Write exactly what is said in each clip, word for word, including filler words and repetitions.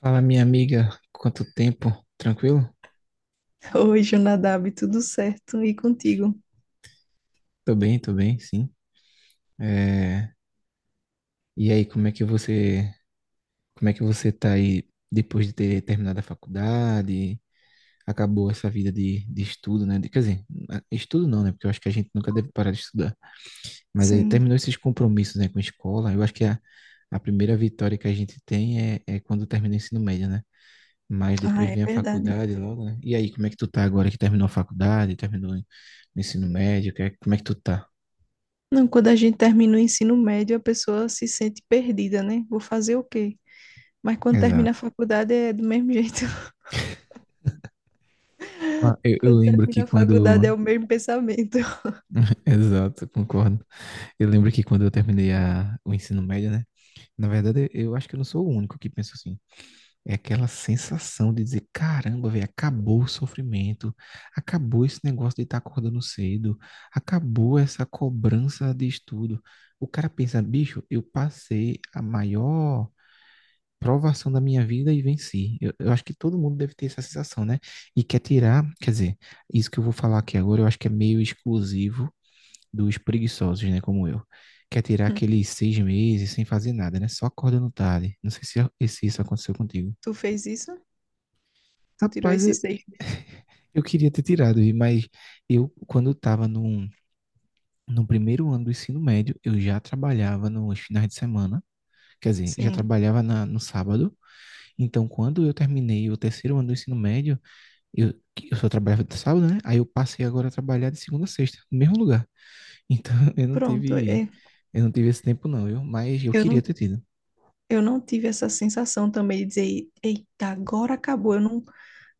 Fala, minha amiga, quanto tempo? Tranquilo? Oi, Jonadab, tudo certo? E contigo? Tô bem, tô bem, sim. É, E aí, como é que você, como é que você tá aí depois de ter terminado a faculdade? Acabou essa vida de, de estudo, né? De- Quer dizer, a- estudo não, né? Porque eu acho que a gente nunca deve parar de estudar. Mas aí Sim. terminou esses compromissos, né, com a escola. Eu acho que a, a primeira vitória que a gente tem é, é quando termina o ensino médio, né? Mas Ah, depois é vem a verdade. faculdade logo, né? E aí, como é que tu tá agora que terminou a faculdade, terminou o ensino médio? que é- Como é que tu tá? Não, quando a gente termina o ensino médio, a pessoa se sente perdida, né? Vou fazer o quê? Mas quando termina a Exato. faculdade é do mesmo jeito. Ah, Eu, eu Quando lembro que termina a quando. faculdade é o mesmo pensamento. Exato, concordo. Eu lembro que quando eu terminei a, o ensino médio, né? Na verdade, eu acho que eu não sou o único que pensa assim. É aquela sensação de dizer: caramba, velho, acabou o sofrimento, acabou esse negócio de estar acordando cedo, acabou essa cobrança de estudo. O cara pensa: bicho, eu passei a maior provação da minha vida e venci. Eu, eu acho que todo mundo deve ter essa sensação, né? E quer tirar, quer dizer, isso que eu vou falar aqui agora, eu acho que é meio exclusivo dos preguiçosos, né, como eu. Quer tirar aqueles seis meses sem fazer nada, né? Só acordando tarde. Não sei se, é, se isso aconteceu contigo. Tu fez isso? Tu tirou Rapaz, esses eu, seis meses? eu queria ter tirado, mas eu, quando estava no, no primeiro ano do ensino médio, eu já trabalhava nos finais de semana, quer dizer, já Sim. trabalhava na, no sábado. Então, quando eu terminei o terceiro ano do ensino médio, Eu, eu só trabalhava de sábado, né? Aí eu passei agora a trabalhar de segunda a sexta, no mesmo lugar. Então eu não Pronto, tive, é, eu não tive esse tempo não. Eu Mas eu eu não, queria ter tido. eu não tive essa sensação também de dizer, eita, agora acabou. Eu não,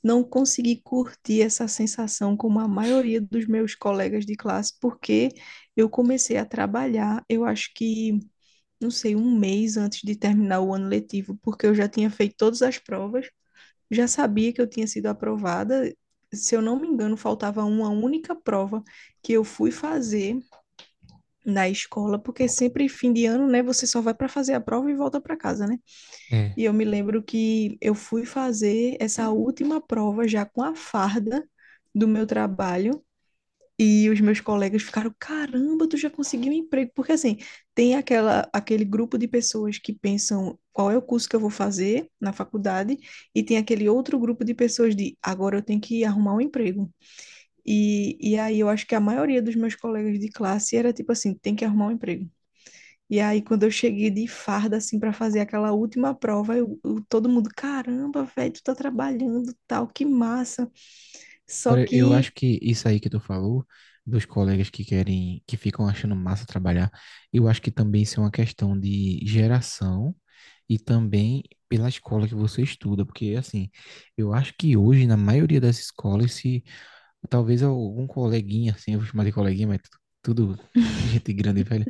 não consegui curtir essa sensação como a maioria dos meus colegas de classe, porque eu comecei a trabalhar, eu acho que, não sei, um mês antes de terminar o ano letivo, porque eu já tinha feito todas as provas, já sabia que eu tinha sido aprovada. Se eu não me engano, faltava uma única prova que eu fui fazer na escola, porque sempre fim de ano, né, você só vai para fazer a prova e volta para casa, né? É. E eu me lembro que eu fui fazer essa última prova já com a farda do meu trabalho. E os meus colegas ficaram, caramba, tu já conseguiu um emprego. Porque assim, tem aquela, aquele grupo de pessoas que pensam qual é o curso que eu vou fazer na faculdade, e tem aquele outro grupo de pessoas de agora eu tenho que arrumar um emprego. E, e aí eu acho que a maioria dos meus colegas de classe era tipo assim, tem que arrumar um emprego. E aí, quando eu cheguei de farda, assim, para fazer aquela última prova, eu, eu- todo mundo, caramba, velho, tu tá trabalhando, tal, que massa. Só Agora eu que, acho que isso aí que tu falou dos colegas que querem, que ficam achando massa trabalhar, eu acho que também isso é uma questão de geração e também pela escola que você estuda, porque assim, eu acho que hoje na maioria das escolas se talvez algum coleguinha assim, eu vou chamar de coleguinha, mas tudo gente grande e velha.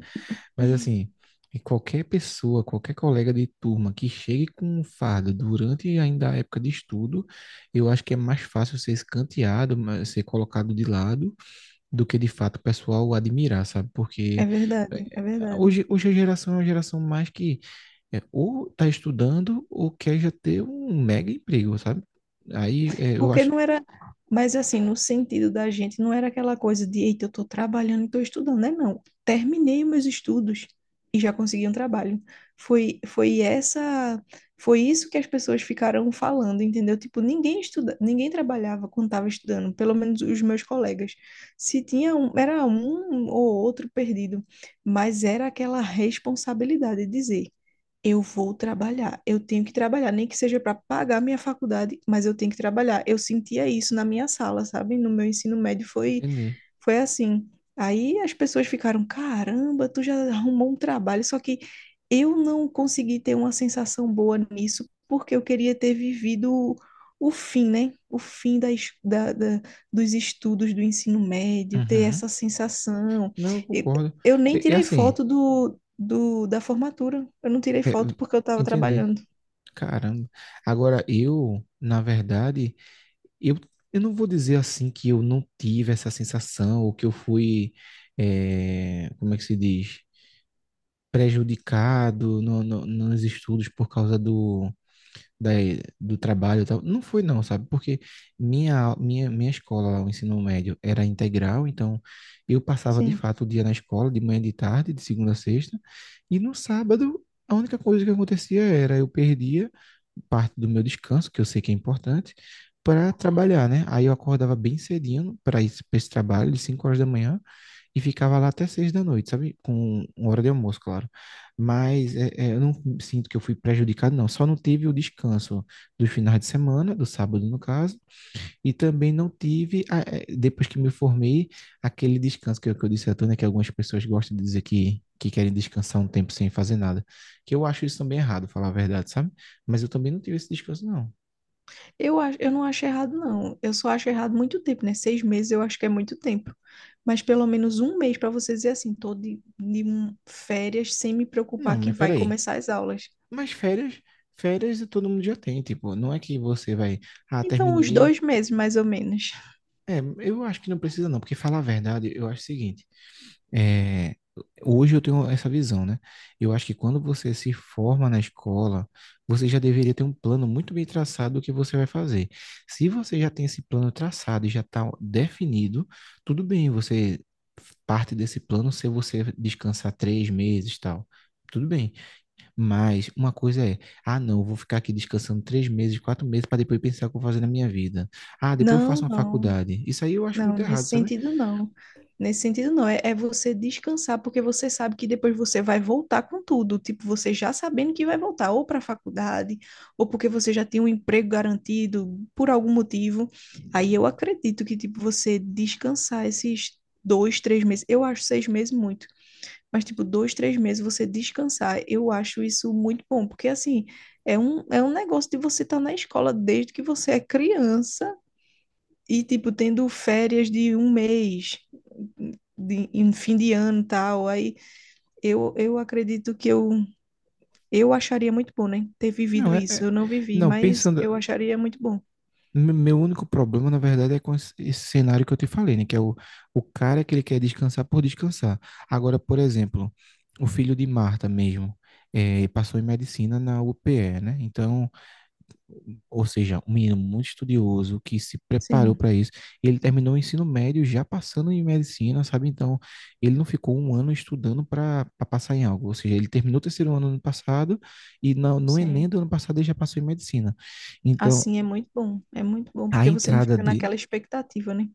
Mas assim, e qualquer pessoa, qualquer colega de turma que chegue com um fardo durante ainda a época de estudo, eu acho que é mais fácil ser escanteado, ma- ser colocado de lado, do que de fato o pessoal admirar, sabe? é Porque eh, verdade, é verdade. hoje, hoje a geração é uma geração mais que eh, ou está estudando ou quer já ter um mega emprego, sabe? Aí eh, eu Porque acho. não era, mas assim, no sentido da gente, não era aquela coisa de, eita, eu estou trabalhando e estou estudando, né? Não. Terminei meus estudos e já consegui um trabalho. Foi, foi essa, Foi isso que as pessoas ficaram falando, entendeu? Tipo, ninguém estuda, ninguém trabalhava quando estava estudando, pelo menos os meus colegas. Se tinha um, era um ou outro perdido, mas era aquela responsabilidade de dizer, eu vou trabalhar, eu tenho que trabalhar, nem que seja para pagar minha faculdade, mas eu tenho que trabalhar. Eu sentia isso na minha sala, sabe? No meu ensino médio foi Entendi. foi assim. Aí as pessoas ficaram, caramba, tu já arrumou um trabalho, só que eu não consegui ter uma sensação boa nisso, porque eu queria ter vivido o, o fim, né? O fim da, es- da, da- dos estudos do ensino médio, ter Uhum. essa sensação. Não, eu E concordo. eu nem É, é tirei assim, foto do, do, da formatura, eu não tirei é, foto porque eu estava entendi. trabalhando. Caramba. Agora, eu, na verdade, eu, eu não vou dizer assim que eu não tive essa sensação, ou que eu fui, eh, como é que se diz? Prejudicado no, no- nos estudos por causa do, da, do trabalho e tal. Não foi não, sabe? Porque minha, minha, minha escola, lá, o ensino médio, era integral, então eu passava de Sim. fato o dia na escola, de manhã e de tarde, de segunda a sexta, e no sábado, a única coisa que acontecia era eu perdia parte do meu descanso, que eu sei que é importante, para trabalhar, né? Aí eu acordava bem cedinho para esse, esse trabalho, de cinco horas da manhã, e ficava lá até seis da noite, sabe? Com uma hora de almoço, claro. Mas é, é, eu não sinto que eu fui prejudicado, não. Só não teve o descanso dos finais de semana, do sábado, no caso, e também não tive, a- eh, depois que me formei, aquele descanso que eu, que eu disse a tu, né, que algumas pessoas gostam de dizer que, que querem descansar um tempo sem fazer nada. Que eu acho isso também errado, falar a verdade, sabe? Mas eu também não tive esse descanso, não. Eu acho, eu não acho errado, não. Eu só acho errado muito tempo, né? Seis meses eu acho que é muito tempo. Mas pelo menos um mês para você dizer assim, tô de, de um- férias sem me Não, preocupar que mas vai peraí. começar as aulas. Mas férias, férias todo mundo já tem, tipo, não é que você vai, ah, Então, uns terminei. dois meses, mais ou menos. É, eu acho que não precisa não, porque falar a verdade, eu acho o seguinte. É, Hoje eu tenho essa visão, né? Eu acho que quando você se forma na escola, você já deveria ter um plano muito bem traçado do que você vai fazer. Se você já tem esse plano traçado e já está definido, tudo bem, você parte desse plano se você descansar três meses, e tal. Tudo bem, mas uma coisa é, ah, não, eu vou ficar aqui descansando três meses, quatro meses para depois pensar o que eu vou fazer na minha vida. Ah, depois eu Não, faço uma não. faculdade. Isso aí eu acho Não, muito nesse errado, sabe? sentido não. Nesse sentido não. É, é você descansar, porque você sabe que depois você vai voltar com tudo. Tipo, você já sabendo que vai voltar, ou para a faculdade, ou porque você já tem um emprego garantido por algum motivo. Aí eu acredito que, tipo, você descansar esses dois, três meses. Eu acho seis meses muito. Mas, tipo, dois, três meses você descansar, eu acho isso muito bom. Porque, assim, é um, é um negócio de você estar na escola desde que você é criança e, tipo, tendo férias de um mês, de, em fim de ano e tal. Aí eu, eu acredito que eu, eu acharia muito bom, né? Ter Não, vivido é, isso. é- Eu não vivi, não, mas pensando, eu acharia muito bom. Me- meu único problema, na verdade, é com esse esse cenário que eu te falei, né? Que é o, o cara que ele quer descansar por descansar. Agora, por exemplo, o filho de Marta mesmo, eh, passou em medicina na U P E, né? Então, ou seja, um menino muito estudioso que se preparou Sim, para isso. Ele terminou o ensino médio já passando em medicina, sabe? Então, ele não ficou um ano estudando para passar em algo. Ou seja, ele terminou o terceiro ano no ano passado e no, no Enem sim. do ano passado ele já passou em medicina. Então, Assim é muito bom. É muito bom, a porque você não entrada fica de naquela expectativa, né?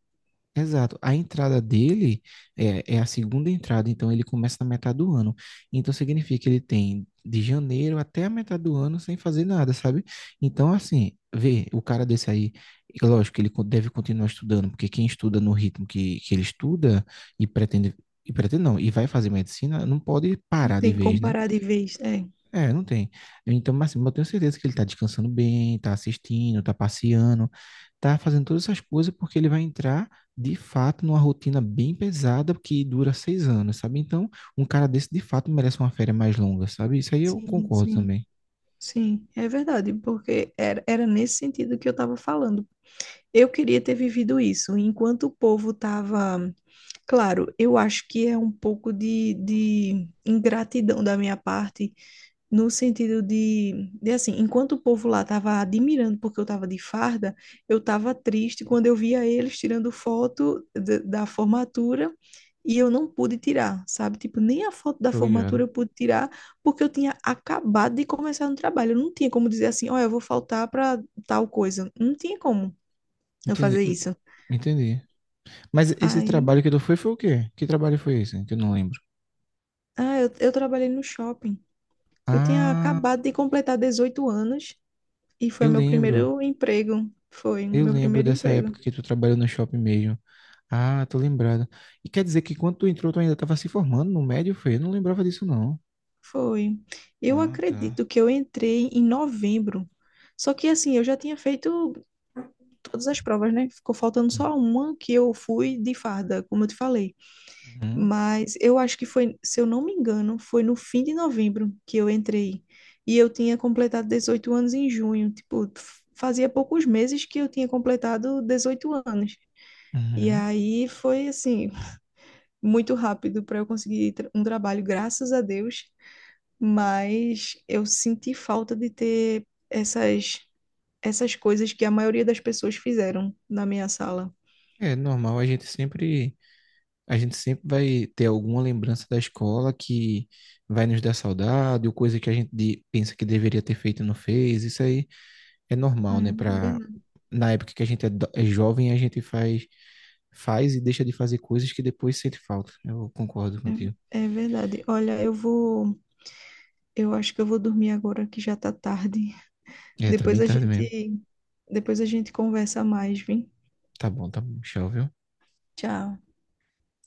Exato. A entrada dele é, é a segunda entrada, então ele começa na metade do ano. Então significa que ele tem de janeiro até a metade do ano sem fazer nada, sabe? Então, assim, vê, o cara desse aí, é lógico que ele co- deve continuar estudando, porque quem estuda no ritmo que, que ele estuda e pretende, e pretende não, e vai fazer medicina, não pode Não parar de tem vez, como né? parar de vez. É, É, não tem. Então, mas assim, eu tenho certeza que ele tá descansando bem, tá assistindo, tá passeando, tá fazendo todas essas coisas porque ele vai entrar, de fato, numa rotina bem pesada que dura seis anos, sabe? Então, um cara desse, de fato, merece uma férias mais longa, sabe? Isso aí eu sim, concordo sim. também. Sim, é verdade, porque era, era nesse sentido que eu estava falando. Eu queria ter vivido isso, enquanto o povo estava. Claro, eu acho que é um pouco de, de ingratidão da minha parte, no sentido de, de assim, enquanto o povo lá estava admirando porque eu estava de farda, eu estava triste quando eu via eles tirando foto da da formatura e eu não pude tirar, sabe? Tipo, nem a foto da Tô formatura ligado. eu pude tirar porque eu tinha acabado de começar no trabalho. Eu não tinha como dizer assim, ó, eu vou faltar para tal coisa. Não tinha como eu Entendi. fazer Hum, isso. Entendi. Mas esse trabalho Aí, que tu foi foi o quê? Que trabalho foi esse? Que eu não lembro. ah, eu, eu trabalhei no shopping. Eu tinha Ah, acabado de completar dezoito anos e foi eu meu lembro. primeiro emprego. Foi Eu meu lembro primeiro dessa emprego. época que tu trabalhou no shopping mesmo. Ah, tô lembrado. E quer dizer que quando tu entrou, tu ainda tava se formando no médio, foi? Eu não lembrava disso, não. Foi. Eu Ah, tá. acredito que eu entrei em novembro. Só que assim, eu já tinha feito todas as provas, né? Ficou faltando Uhum. só uma que eu fui de farda, como eu te falei. Uhum. Mas eu acho que foi, se eu não me engano, foi no fim de novembro que eu entrei. E eu tinha completado dezoito anos em junho. Tipo, f- fazia poucos meses que eu tinha completado dezoito anos. E Uhum. aí foi assim, muito rápido para eu conseguir tra- um trabalho, graças a Deus, mas eu senti falta de ter essas essas coisas que a maioria das pessoas fizeram na minha sala. É normal, a gente sempre, a gente sempre vai ter alguma lembrança da escola que vai nos dar saudade, ou coisa que a gente de- pensa que deveria ter feito e não fez. Isso aí é É normal, né? Pra, verdade. Na época que a gente é, do- é jovem, a gente faz, faz e deixa de fazer coisas que depois sente falta. Eu concordo contigo. É, é verdade. Olha, eu vou, eu acho que eu vou dormir agora que já tá tarde. É, tá Depois bem a tarde mesmo. gente depois a gente conversa mais, vem? Tá bom, tá bom. Tchau, viu? Tchau.